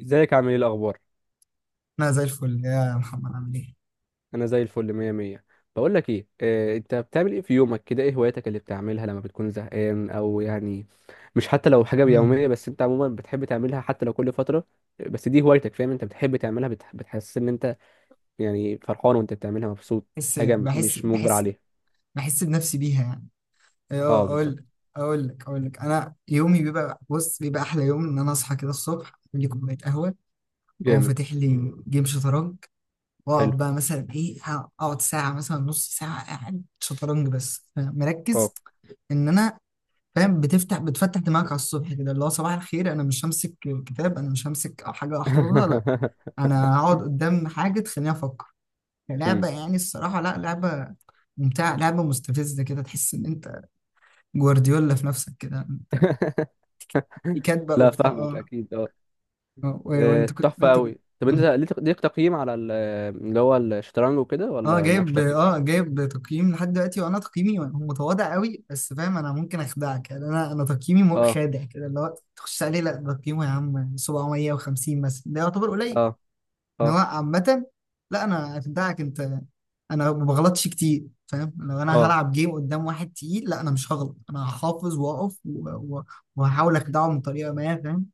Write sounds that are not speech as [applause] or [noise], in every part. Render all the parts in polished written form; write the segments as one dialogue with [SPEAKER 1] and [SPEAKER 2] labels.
[SPEAKER 1] ازيك؟ عامل ايه؟ الاخبار؟
[SPEAKER 2] انا زي الفل يا محمد، عامل ايه؟
[SPEAKER 1] انا زي الفل، مية مية. بقول لك ايه آه، انت بتعمل ايه في يومك كده؟ ايه هواياتك اللي بتعملها لما بتكون زهقان او يعني مش حتى لو حاجه
[SPEAKER 2] امم
[SPEAKER 1] يوميه، بس انت عموما بتحب تعملها حتى لو كل فتره، بس دي هوايتك، فاهم؟ انت بتحب تعملها، بتحس ان انت يعني فرحان وانت بتعملها، مبسوط،
[SPEAKER 2] بحس
[SPEAKER 1] حاجه
[SPEAKER 2] بحس
[SPEAKER 1] مش مجبر
[SPEAKER 2] بحس
[SPEAKER 1] عليها.
[SPEAKER 2] بحس بنفسي بيها يعني. ايوه،
[SPEAKER 1] اه بالظبط.
[SPEAKER 2] اقول. اقول لك انا يومي بيبقى، بص، بيبقى احلى يوم ان انا اصحى كده الصبح، اعمل لي كوبايه قهوه، اقوم
[SPEAKER 1] جامد.
[SPEAKER 2] فاتح لي جيم شطرنج.
[SPEAKER 1] حلو.
[SPEAKER 2] واقعد بقى مثلا ايه، اقعد ساعه، مثلا نص ساعه قاعد شطرنج بس مركز.
[SPEAKER 1] اه.
[SPEAKER 2] ان انا، فاهم، بتفتح دماغك على الصبح كده، اللي هو صباح الخير. انا مش همسك كتاب، انا مش همسك حاجه احفظها، لا. انا هقعد
[SPEAKER 1] [laughs]
[SPEAKER 2] قدام حاجه تخليني افكر، لعبة.
[SPEAKER 1] مم.
[SPEAKER 2] يعني الصراحة لا، لعبة ممتعة، لعبة مستفزة، كده تحس إن أنت جوارديولا في نفسك كده. أنت
[SPEAKER 1] [laughs]
[SPEAKER 2] كاتبة
[SPEAKER 1] لا
[SPEAKER 2] وبتاع،
[SPEAKER 1] فاهمك اكيد آه.
[SPEAKER 2] آه.
[SPEAKER 1] آه،
[SPEAKER 2] وأنت كنت،
[SPEAKER 1] تحفة
[SPEAKER 2] أنت كنت
[SPEAKER 1] أوي. طب أنت
[SPEAKER 2] مم.
[SPEAKER 1] ليك تقييم على اللي هو الشطرنج وكده، ولا مالكش تقييم؟
[SPEAKER 2] أه، جايب تقييم لحد دلوقتي، وأنا تقييمي متواضع قوي. بس فاهم، أنا ممكن أخدعك يعني. أنا تقييمي
[SPEAKER 1] اه،
[SPEAKER 2] خادع كده، اللي هو تخش عليه، لا ده تقييمه يا عم 750 مثلا، ده يعتبر قليل.
[SPEAKER 1] اه،
[SPEAKER 2] ان هو
[SPEAKER 1] اه،
[SPEAKER 2] عامة، لا انا في بتاعك انت، انا ما بغلطش كتير، فاهم. لو انا
[SPEAKER 1] اه،
[SPEAKER 2] هلعب جيم قدام واحد تقيل، لا انا مش هغلط، انا هحافظ واقف و- وهحاول اخدعه من طريقة ما، فاهم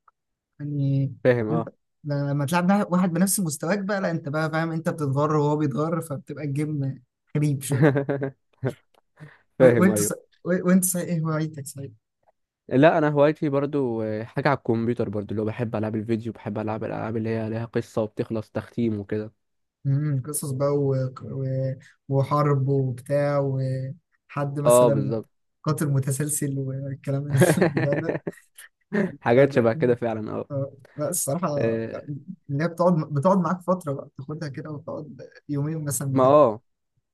[SPEAKER 2] يعني.
[SPEAKER 1] فاهم
[SPEAKER 2] انت
[SPEAKER 1] اه.
[SPEAKER 2] لما تلعب مع واحد بنفس مستواك بقى، لا انت بقى فاهم، انت بتتغر وهو بيتغر، فبتبقى الجيم غريب شوية.
[SPEAKER 1] [laughs]
[SPEAKER 2] و-
[SPEAKER 1] فاهم
[SPEAKER 2] وانت ص...
[SPEAKER 1] أيوه.
[SPEAKER 2] وانت صحيح ايه هوايتك، صحيح؟
[SPEAKER 1] لا أنا هوايتي برضو آه، حاجة على الكمبيوتر برضو، اللي هو بحب ألعاب الفيديو، بحب ألعب الألعاب اللي هي ليها قصة وبتخلص تختيم وكده.
[SPEAKER 2] قصص بقى و... وحرب وبتاع، وحد
[SPEAKER 1] اه
[SPEAKER 2] مثلا
[SPEAKER 1] بالظبط.
[SPEAKER 2] قاتل متسلسل والكلام. [laughs] البتاع ده
[SPEAKER 1] [laughs] حاجات
[SPEAKER 2] يعني.
[SPEAKER 1] شبه كده فعلا، اه
[SPEAKER 2] آه، لا الصراحة،
[SPEAKER 1] آه.
[SPEAKER 2] اللي هي بتقعد معاك فترة بقى، بتاخدها كده وتقعد يومين مثلا
[SPEAKER 1] ما
[SPEAKER 2] بتلعب.
[SPEAKER 1] اه،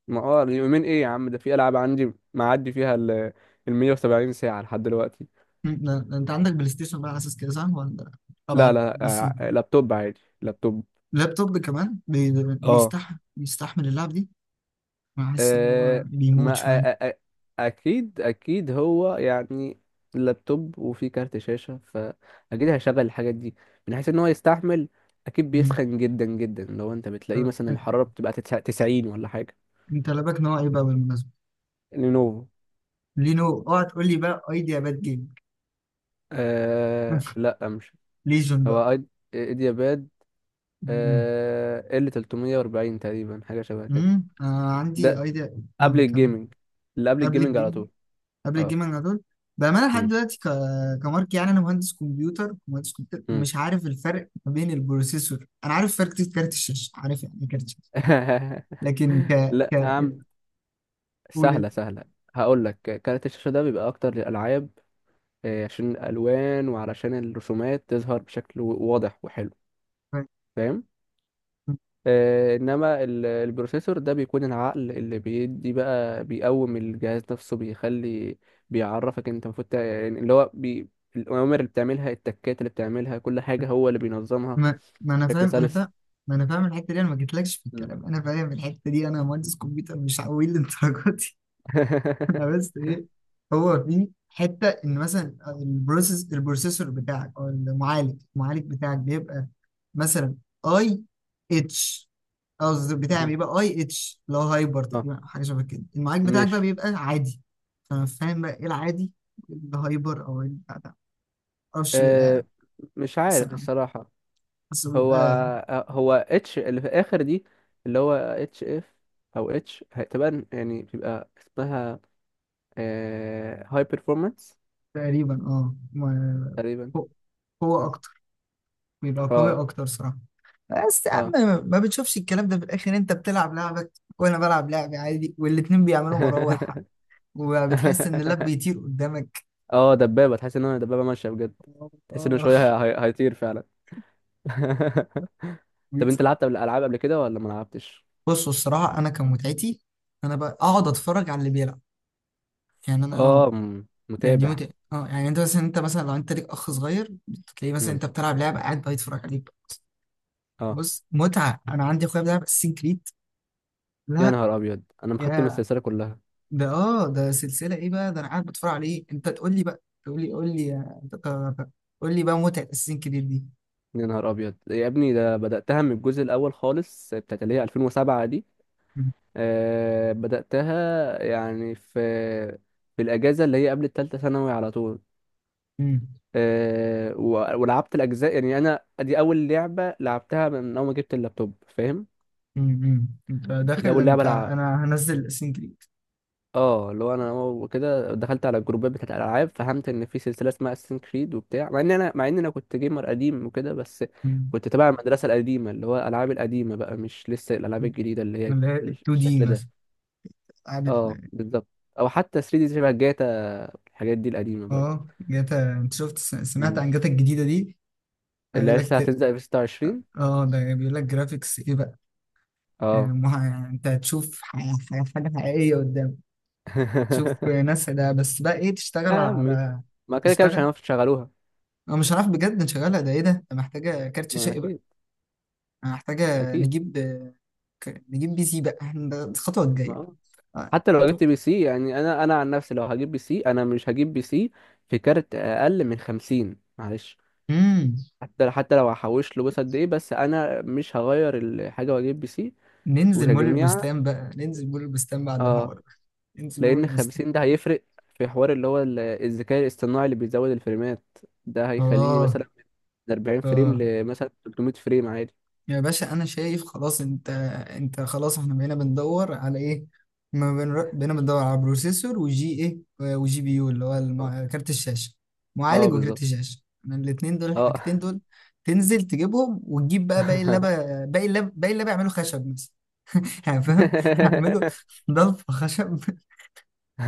[SPEAKER 1] ما اه، اليومين ايه يا عم؟ ده في ألعاب عندي معدي فيها ال 170 ساعة لحد دلوقتي.
[SPEAKER 2] انت عندك بلاي ستيشن بقى على اساس كده، صح ولا؟ طبعا
[SPEAKER 1] لا
[SPEAKER 2] على
[SPEAKER 1] لا،
[SPEAKER 2] البي سي.
[SPEAKER 1] آه، لابتوب عادي، لابتوب.
[SPEAKER 2] اللابتوب ده كمان
[SPEAKER 1] اه
[SPEAKER 2] بيستحمل اللعب دي. انا حاسس ان هو
[SPEAKER 1] آه، ما
[SPEAKER 2] بيموت
[SPEAKER 1] آه،
[SPEAKER 2] شوية.
[SPEAKER 1] آه، آه، اكيد اكيد هو يعني اللابتوب وفيه كارت شاشة، فاكيد هيشغل الحاجات دي، من حيث ان هو يستحمل. اكيد
[SPEAKER 2] مم.
[SPEAKER 1] بيسخن جدا جدا، لو انت بتلاقيه
[SPEAKER 2] طب
[SPEAKER 1] مثلا الحرارة بتبقى 90 ولا حاجة.
[SPEAKER 2] انت لابك نوع ايه بقى بالمناسبة؟
[SPEAKER 1] لينوفو.
[SPEAKER 2] لينو، اوعى تقول لي بقى ايديا باد جيم.
[SPEAKER 1] آه
[SPEAKER 2] [laughs]
[SPEAKER 1] لا مش
[SPEAKER 2] ليجن بقى.
[SPEAKER 1] هو ايد، ايدياباد.
[SPEAKER 2] مم.
[SPEAKER 1] آه ال 340 تقريبا، حاجة شبه كده.
[SPEAKER 2] مم. آه عندي
[SPEAKER 1] ده
[SPEAKER 2] ايديا،
[SPEAKER 1] قبل
[SPEAKER 2] اه كمل.
[SPEAKER 1] الجيمنج، اللي قبل
[SPEAKER 2] قبل
[SPEAKER 1] الجيمنج على
[SPEAKER 2] الجيم
[SPEAKER 1] طول.
[SPEAKER 2] قبل
[SPEAKER 1] اه.
[SPEAKER 2] الجيمنج على طول. بأمانة لحد دلوقتي كمارك، يعني أنا مهندس كمبيوتر، مهندس كمبيوتر،
[SPEAKER 1] مم.
[SPEAKER 2] ومش عارف الفرق ما بين البروسيسور. أنا عارف فرق كارت الشاشة، عارف يعني إيه كارت الشاشة،
[SPEAKER 1] [laughs]
[SPEAKER 2] لكن ك
[SPEAKER 1] لا
[SPEAKER 2] ك
[SPEAKER 1] يا عم،
[SPEAKER 2] قول
[SPEAKER 1] سهلة
[SPEAKER 2] أنت.
[SPEAKER 1] سهلة، هقول لك. كارت الشاشة ده بيبقى أكتر للألعاب، آه، عشان الألوان وعلشان الرسومات تظهر بشكل واضح وحلو، فاهم؟ آه، إنما البروسيسور ده بيكون العقل اللي بيدي بقى، بيقوم الجهاز نفسه، بيخلي بيعرفك أنت المفروض يعني اللي هو الأوامر اللي بتعملها، التكات اللي بتعملها، كل حاجة هو اللي بينظمها
[SPEAKER 2] ما أنا
[SPEAKER 1] بشكل
[SPEAKER 2] فاهم، أنا
[SPEAKER 1] سلس.
[SPEAKER 2] فاهم، ما أنا فاهم الحتة دي، أنا ما جيتلكش في
[SPEAKER 1] م.
[SPEAKER 2] الكلام، أنا فاهم الحتة دي، أنا مهندس كمبيوتر مش عويل للدرجة. [laughs] أنا
[SPEAKER 1] [laughs]
[SPEAKER 2] بس ايه، هو في حته ان مثلا البروسيسور بتاعك او المعالج، بتاعك بيبقى مثلا اي اتش. قصدي بتاعي
[SPEAKER 1] اه
[SPEAKER 2] بيبقى اي اتش، اللي هو هايبر
[SPEAKER 1] آه،
[SPEAKER 2] تقريبا، أو حاجه شبه كده. المعالج بتاعك بقى
[SPEAKER 1] ماشي.
[SPEAKER 2] بيبقى عادي، فانا فاهم بقى ايه العادي، الهايبر او البتاع ده. معرفش بيبقى
[SPEAKER 1] أه، مش عارف
[SPEAKER 2] مثلا،
[SPEAKER 1] الصراحة.
[SPEAKER 2] حاسه
[SPEAKER 1] هو
[SPEAKER 2] بيبقى
[SPEAKER 1] آه، هو اتش اللي في الآخر دي، اللي هو اتش اف، أو اتش، تبان يعني بيبقى اسمها هاي performance
[SPEAKER 2] تقريبا،
[SPEAKER 1] تقريبا.
[SPEAKER 2] قوه
[SPEAKER 1] اه،
[SPEAKER 2] اكتر، بيبقى قوي
[SPEAKER 1] اه،
[SPEAKER 2] اكتر صراحه. بس يا عم
[SPEAKER 1] اه.
[SPEAKER 2] ما بتشوفش الكلام ده في الاخر، انت بتلعب لعبك وانا بلعب لعبي عادي، والاتنين بيعملوا مراوح،
[SPEAKER 1] [laughs]
[SPEAKER 2] وبتحس ان اللاب بيطير قدامك.
[SPEAKER 1] اه دبابة، تحس ان هو دبابة ماشية بجد، تحس انه
[SPEAKER 2] اه،
[SPEAKER 1] شوية هيطير فعلا. [laughs] طب انت
[SPEAKER 2] بيكسر.
[SPEAKER 1] لعبت قبل العاب قبل كده ولا ما لعبتش؟
[SPEAKER 2] بصوا الصراحه، انا كان متعتي، انا بقى اقعد اتفرج على اللي بيلعب يعني. انا
[SPEAKER 1] اه،
[SPEAKER 2] اه، يعني دي
[SPEAKER 1] متابع.
[SPEAKER 2] متعه، اه يعني انت مثلا، لو انت ليك اخ صغير، تلاقيه مثلا
[SPEAKER 1] مم.
[SPEAKER 2] انت بتلعب لعبه، قاعد بقى يتفرج عليك.
[SPEAKER 1] اه
[SPEAKER 2] بص متعه. انا عندي اخويا بيلعب اساسين كريد،
[SPEAKER 1] يا
[SPEAKER 2] لا
[SPEAKER 1] نهار ابيض، انا مختم
[SPEAKER 2] يا،
[SPEAKER 1] السلسلة كلها.
[SPEAKER 2] ده سلسلة ايه بقى؟ ده انا قاعد بتفرج عليه، انت تقول لي بقى، تقول لي، قول لي قول لي بقى متعة اساسين كريد دي.
[SPEAKER 1] يا نهار ابيض يا ابني، ده بداتها من الجزء الاول خالص، بتاعت اللي هي 2007 دي.
[SPEAKER 2] مم.
[SPEAKER 1] أه، بداتها يعني في في الاجازه اللي هي قبل الثالثه ثانوي على طول.
[SPEAKER 2] مم.
[SPEAKER 1] أه ولعبت الاجزاء، يعني انا دي اول لعبه لعبتها من اول ما جبت اللابتوب، فاهم؟
[SPEAKER 2] مم. انت
[SPEAKER 1] دي
[SPEAKER 2] داخل
[SPEAKER 1] اول لعبه.
[SPEAKER 2] انت، انا هنزل اساسين كريد.
[SPEAKER 1] اه اللي هو انا وكده دخلت على الجروبات بتاعت الالعاب، فهمت ان في سلسله اسمها اساسن كريد وبتاع، مع ان انا مع ان انا كنت جيمر قديم وكده، بس
[SPEAKER 2] مم.
[SPEAKER 1] كنت تبع المدرسه القديمه، اللي هو الالعاب القديمه بقى، مش لسه الالعاب الجديده اللي هي
[SPEAKER 2] اللي هي 2 دي
[SPEAKER 1] بالشكل
[SPEAKER 2] مثلا
[SPEAKER 1] ده.
[SPEAKER 2] قعدت.
[SPEAKER 1] اه بالظبط، او حتى 3 دي شبه جاتا، الحاجات دي القديمه برضه.
[SPEAKER 2] اه جاتا، انت شفت، سمعت
[SPEAKER 1] مم.
[SPEAKER 2] عن جاتا الجديدة دي؟ هيقول
[SPEAKER 1] اللي لسه
[SPEAKER 2] لك.
[SPEAKER 1] هتنزل في 26.
[SPEAKER 2] اه ده بيقول لك جرافيكس ايه بقى. آه،
[SPEAKER 1] اه.
[SPEAKER 2] انت هتشوف حاجة حقيقية قدام. تشوف
[SPEAKER 1] [laughs]
[SPEAKER 2] ناس، ده بس بقى ايه، تشتغل
[SPEAKER 1] يا عمي
[SPEAKER 2] على،
[SPEAKER 1] ما كده كده مش
[SPEAKER 2] تشتغل؟
[SPEAKER 1] هنعرف نشغلوها.
[SPEAKER 2] انا مش هنعرف بجد نشغلها، ده ايه ده، ده محتاجه كارت شاشه
[SPEAKER 1] ما
[SPEAKER 2] ايه بقى.
[SPEAKER 1] اكيد،
[SPEAKER 2] أنا محتاجه
[SPEAKER 1] اكيد.
[SPEAKER 2] نجيب نجيب بي سي بقى. [laughs] احنا ده الخطوه
[SPEAKER 1] ما
[SPEAKER 2] الجايه.
[SPEAKER 1] آه.
[SPEAKER 2] آه،
[SPEAKER 1] حتى لو
[SPEAKER 2] خطوه.
[SPEAKER 1] جبت بي سي يعني، انا انا عن نفسي لو هجيب بي سي، انا مش هجيب بي سي في كارت اقل من 50، معلش.
[SPEAKER 2] امم
[SPEAKER 1] حتى حتى لو هحوش له، بس قد ايه، بس انا مش هغير الحاجه واجيب بي سي
[SPEAKER 2] ننزل مول
[SPEAKER 1] وكجميع.
[SPEAKER 2] البستان بقى، ننزل مول البستان بعد الحوار
[SPEAKER 1] اه
[SPEAKER 2] ده. ننزل مول
[SPEAKER 1] لان
[SPEAKER 2] البستان.
[SPEAKER 1] 50 ده هيفرق في حوار اللي هو الذكاء الاصطناعي اللي بيزود الفريمات، ده هيخليني
[SPEAKER 2] اه،
[SPEAKER 1] مثلا من 40 فريم
[SPEAKER 2] اه.
[SPEAKER 1] لمثلا 300 فريم عادي.
[SPEAKER 2] يا باشا، انا شايف خلاص، انت، انت خلاص، احنا بقينا بندور على ايه؟ ما بنر- بقينا بندور على بروسيسور وجي ايه، آه، وجي بي يو، اللي هو
[SPEAKER 1] اه
[SPEAKER 2] كارت الشاشه،
[SPEAKER 1] آه،
[SPEAKER 2] معالج وكارت
[SPEAKER 1] بالظبط.
[SPEAKER 2] الشاشه. انا الاثنين دول، الحاجتين
[SPEAKER 1] اه.
[SPEAKER 2] دول تنزل تجيبهم، وتجيب بقى باقي
[SPEAKER 1] [laughs]
[SPEAKER 2] اللابا، باقي اللاب يعملوا خشب مثلا. [laughs] يعني فاهم، هعملوا ضلف خشب. [laughs]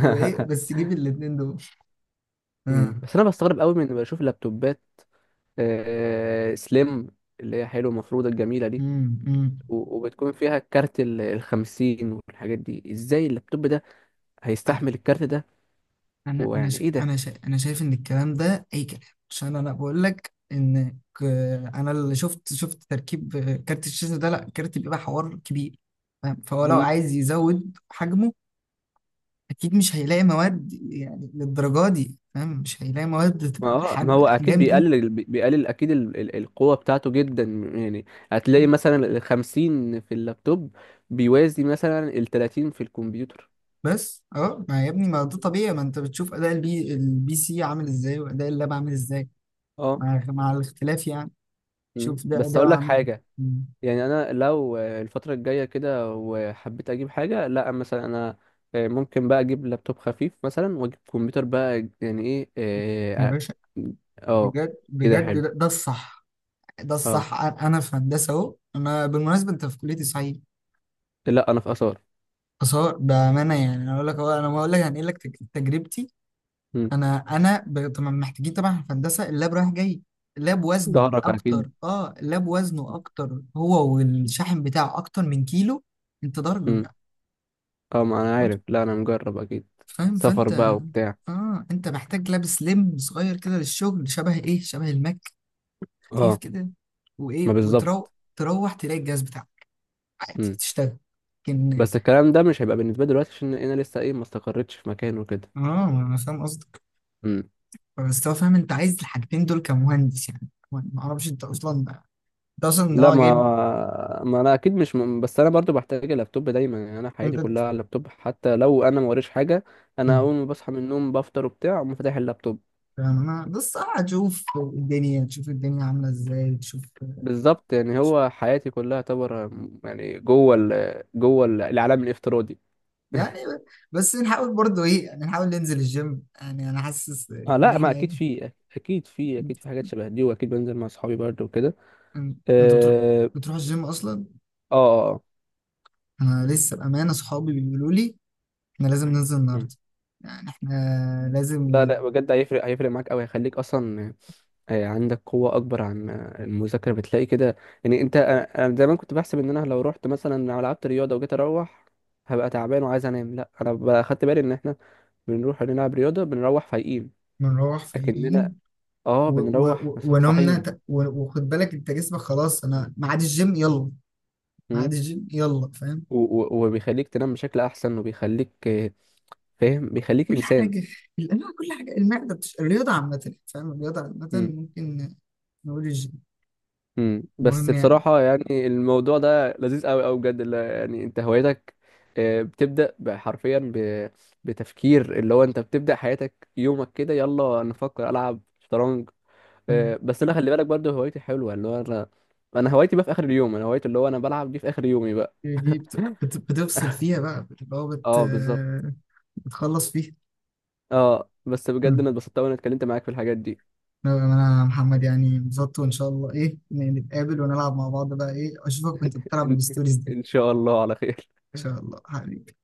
[SPEAKER 2] وايه بس، جيب الاثنين دول. آه.
[SPEAKER 1] مم. بس انا بستغرب قوي من بشوف لابتوبات آه، سليم، اللي هي حلو، المفروضة الجميلة دي،
[SPEAKER 2] امم
[SPEAKER 1] وبتكون فيها كارت ال الخمسين والحاجات دي، ازاي اللابتوب ده هيستحمل الكارت ده ويعني ايه ده.
[SPEAKER 2] انا شايف ان الكلام ده اي كلام. عشان انا بقول لك انا اللي شفت، تركيب كارت الشاشه ده، لا، كارت بيبقى حوار كبير، فاهم؟ فهو لو
[SPEAKER 1] مم.
[SPEAKER 2] عايز يزود حجمه، اكيد مش هيلاقي مواد يعني للدرجه دي، فاهم، مش هيلاقي مواد
[SPEAKER 1] ما
[SPEAKER 2] تبقى
[SPEAKER 1] هو،
[SPEAKER 2] بالحجم،
[SPEAKER 1] ما هو اكيد
[SPEAKER 2] بالاحجام دي.
[SPEAKER 1] بيقلل بيقلل اكيد القوة بتاعته جدا، يعني هتلاقي مثلا ال 50 في اللابتوب بيوازي مثلا ال 30 في الكمبيوتر.
[SPEAKER 2] بس اه، ما يا ابني ما ده طبيعي. ما انت بتشوف اداء البي سي عامل ازاي، واداء اللاب عامل ازاي،
[SPEAKER 1] اه.
[SPEAKER 2] مع الاختلاف يعني.
[SPEAKER 1] مم.
[SPEAKER 2] شوف ده
[SPEAKER 1] بس اقول
[SPEAKER 2] اداءه
[SPEAKER 1] لك
[SPEAKER 2] عامل ازاي.
[SPEAKER 1] حاجة،
[SPEAKER 2] مم.
[SPEAKER 1] يعني انا لو الفتره الجايه كده وحبيت اجيب حاجه، لا مثلا انا ممكن بقى اجيب لابتوب خفيف مثلا، واجيب كمبيوتر بقى، يعني ايه اه
[SPEAKER 2] يا
[SPEAKER 1] آه،
[SPEAKER 2] باشا
[SPEAKER 1] آه،
[SPEAKER 2] بجد،
[SPEAKER 1] كده
[SPEAKER 2] بجد،
[SPEAKER 1] حلو.
[SPEAKER 2] ده, ده الصح، ده
[SPEAKER 1] اه
[SPEAKER 2] الصح. انا في هندسه اهو، انا بالمناسبه انت في كليه، صعيد؟
[SPEAKER 1] لا انا في اثار.
[SPEAKER 2] اثار. بامانه يعني انا اقول لك أهو، انا ما اقول لك، هنقل لك تجربتي.
[SPEAKER 1] مم.
[SPEAKER 2] انا طبعا محتاجين، طبعا في هندسه اللاب رايح جاي. اللاب وزنه
[SPEAKER 1] ظهرك اكيد.
[SPEAKER 2] اكتر، اه اللاب وزنه اكتر، هو والشاحن بتاعه اكتر من كيلو. انت ضهرك
[SPEAKER 1] مم.
[SPEAKER 2] بيوجع
[SPEAKER 1] اه ما انا
[SPEAKER 2] على طول،
[SPEAKER 1] عارف، لا انا مجرب اكيد.
[SPEAKER 2] فاهم،
[SPEAKER 1] سفر
[SPEAKER 2] فانت،
[SPEAKER 1] بقى وبتاع.
[SPEAKER 2] اه انت محتاج لاب سليم صغير كده للشغل، شبه ايه، شبه الماك، خفيف
[SPEAKER 1] اه
[SPEAKER 2] كده. وايه
[SPEAKER 1] ما بالظبط.
[SPEAKER 2] تروح تلاقي الجهاز بتاعك عادي
[SPEAKER 1] مم.
[SPEAKER 2] بتشتغل. لكن،
[SPEAKER 1] بس الكلام ده مش هيبقى بالنسبه لي دلوقتي، عشان انا لسه ايه، ما استقرتش في مكان وكده.
[SPEAKER 2] اه انا فاهم قصدك. بس هو فاهم، انت عايز الحاجتين دول كمهندس، يعني ما اعرفش انت اصلا،
[SPEAKER 1] لا
[SPEAKER 2] اه
[SPEAKER 1] ما،
[SPEAKER 2] جايب.
[SPEAKER 1] ما انا اكيد مش بس انا برضو بحتاج اللابتوب دايما، يعني انا حياتي
[SPEAKER 2] انت
[SPEAKER 1] كلها
[SPEAKER 2] ت-
[SPEAKER 1] على اللابتوب، حتى لو انا ما وريش حاجه، انا
[SPEAKER 2] مم.
[SPEAKER 1] اول ما بصحى من النوم بفطر وبتاع اقوم فاتح اللابتوب.
[SPEAKER 2] فاهم، انا بس اه هتشوف الدنيا، تشوف الدنيا عامله ازاي، تشوف.
[SPEAKER 1] بالظبط، يعني هو حياتي كلها تعتبر يعني جوه العالم الافتراضي.
[SPEAKER 2] يعني
[SPEAKER 1] [laughs]
[SPEAKER 2] بس نحاول برضه ايه، يعني نحاول ننزل الجيم. يعني انا حاسس
[SPEAKER 1] اه
[SPEAKER 2] ان
[SPEAKER 1] لا ما
[SPEAKER 2] احنا
[SPEAKER 1] اكيد
[SPEAKER 2] ايه.
[SPEAKER 1] في، اكيد في، اكيد في حاجات شبه دي، واكيد بنزل مع اصحابي برضو وكده.
[SPEAKER 2] إن- انت بتروح،
[SPEAKER 1] اه،
[SPEAKER 2] بتروح الجيم اصلا؟
[SPEAKER 1] اه آه.
[SPEAKER 2] انا لسه بامانه، صحابي بيقولوا لي احنا لازم ننزل
[SPEAKER 1] مم.
[SPEAKER 2] النهارده، يعني احنا لازم.
[SPEAKER 1] لا لا بجد، هيفرق هيفرق معاك قوي، هيخليك اصلا آه، عندك قوة أكبر عن آه، المذاكرة، بتلاقي كده يعني. أنت، أنا دايما كنت بحسب إن أنا لو رحت مثلا لو لعبت رياضة وجيت أروح هبقى تعبان وعايز أنام، لأ أنا بقى خدت بالي إن إحنا بنروح نلعب رياضة بنروح فايقين،
[SPEAKER 2] نروح فايقين.
[SPEAKER 1] لكننا آه بنروح
[SPEAKER 2] ونمنا
[SPEAKER 1] مصحصحين.
[SPEAKER 2] وخد بالك انت جسمك خلاص، انا ميعاد الجيم يلا،
[SPEAKER 1] مم.
[SPEAKER 2] ميعاد الجيم يلا، فاهم.
[SPEAKER 1] و- وبيخليك تنام بشكل أحسن، وبيخليك آه، فاهم بيخليك
[SPEAKER 2] كل
[SPEAKER 1] إنسان.
[SPEAKER 2] حاجه، الانواع، كل حاجه، المعده الرياضه عامه فاهم، الرياضه عامه
[SPEAKER 1] إمم.
[SPEAKER 2] ممكن نقول الجيم،
[SPEAKER 1] بس
[SPEAKER 2] المهم يعني.
[SPEAKER 1] بصراحة يعني الموضوع ده لذيذ قوي قوي بجد، يعني انت هوايتك آه، بتبدأ حرفيا بتفكير، اللي هو انت بتبدأ حياتك يومك كده، يلا نفكر العب شطرنج.
[SPEAKER 2] مم.
[SPEAKER 1] آه، بس انا خلي بالك برضه هوايتي حلوة، اللي هو انا انا هوايتي بقى في اخر اليوم، انا هوايتي اللي هو انا بلعب دي في اخر يومي بقى.
[SPEAKER 2] دي بتفصل فيها بقى، بتبقى هو
[SPEAKER 1] اه بالظبط.
[SPEAKER 2] بتخلص فيها.
[SPEAKER 1] اه بس بجد انا
[SPEAKER 2] مم.
[SPEAKER 1] اتبسطت وانا اتكلمت معاك في الحاجات دي.
[SPEAKER 2] لا، انا محمد يعني انبسطت، وان شاء الله ايه نتقابل ونلعب مع بعض بقى، ايه اشوفك وانت
[SPEAKER 1] [laughs]
[SPEAKER 2] بتلعب
[SPEAKER 1] ان
[SPEAKER 2] الستوريز دي، ان
[SPEAKER 1] إن شاء الله على خير.
[SPEAKER 2] شاء الله حبيبي.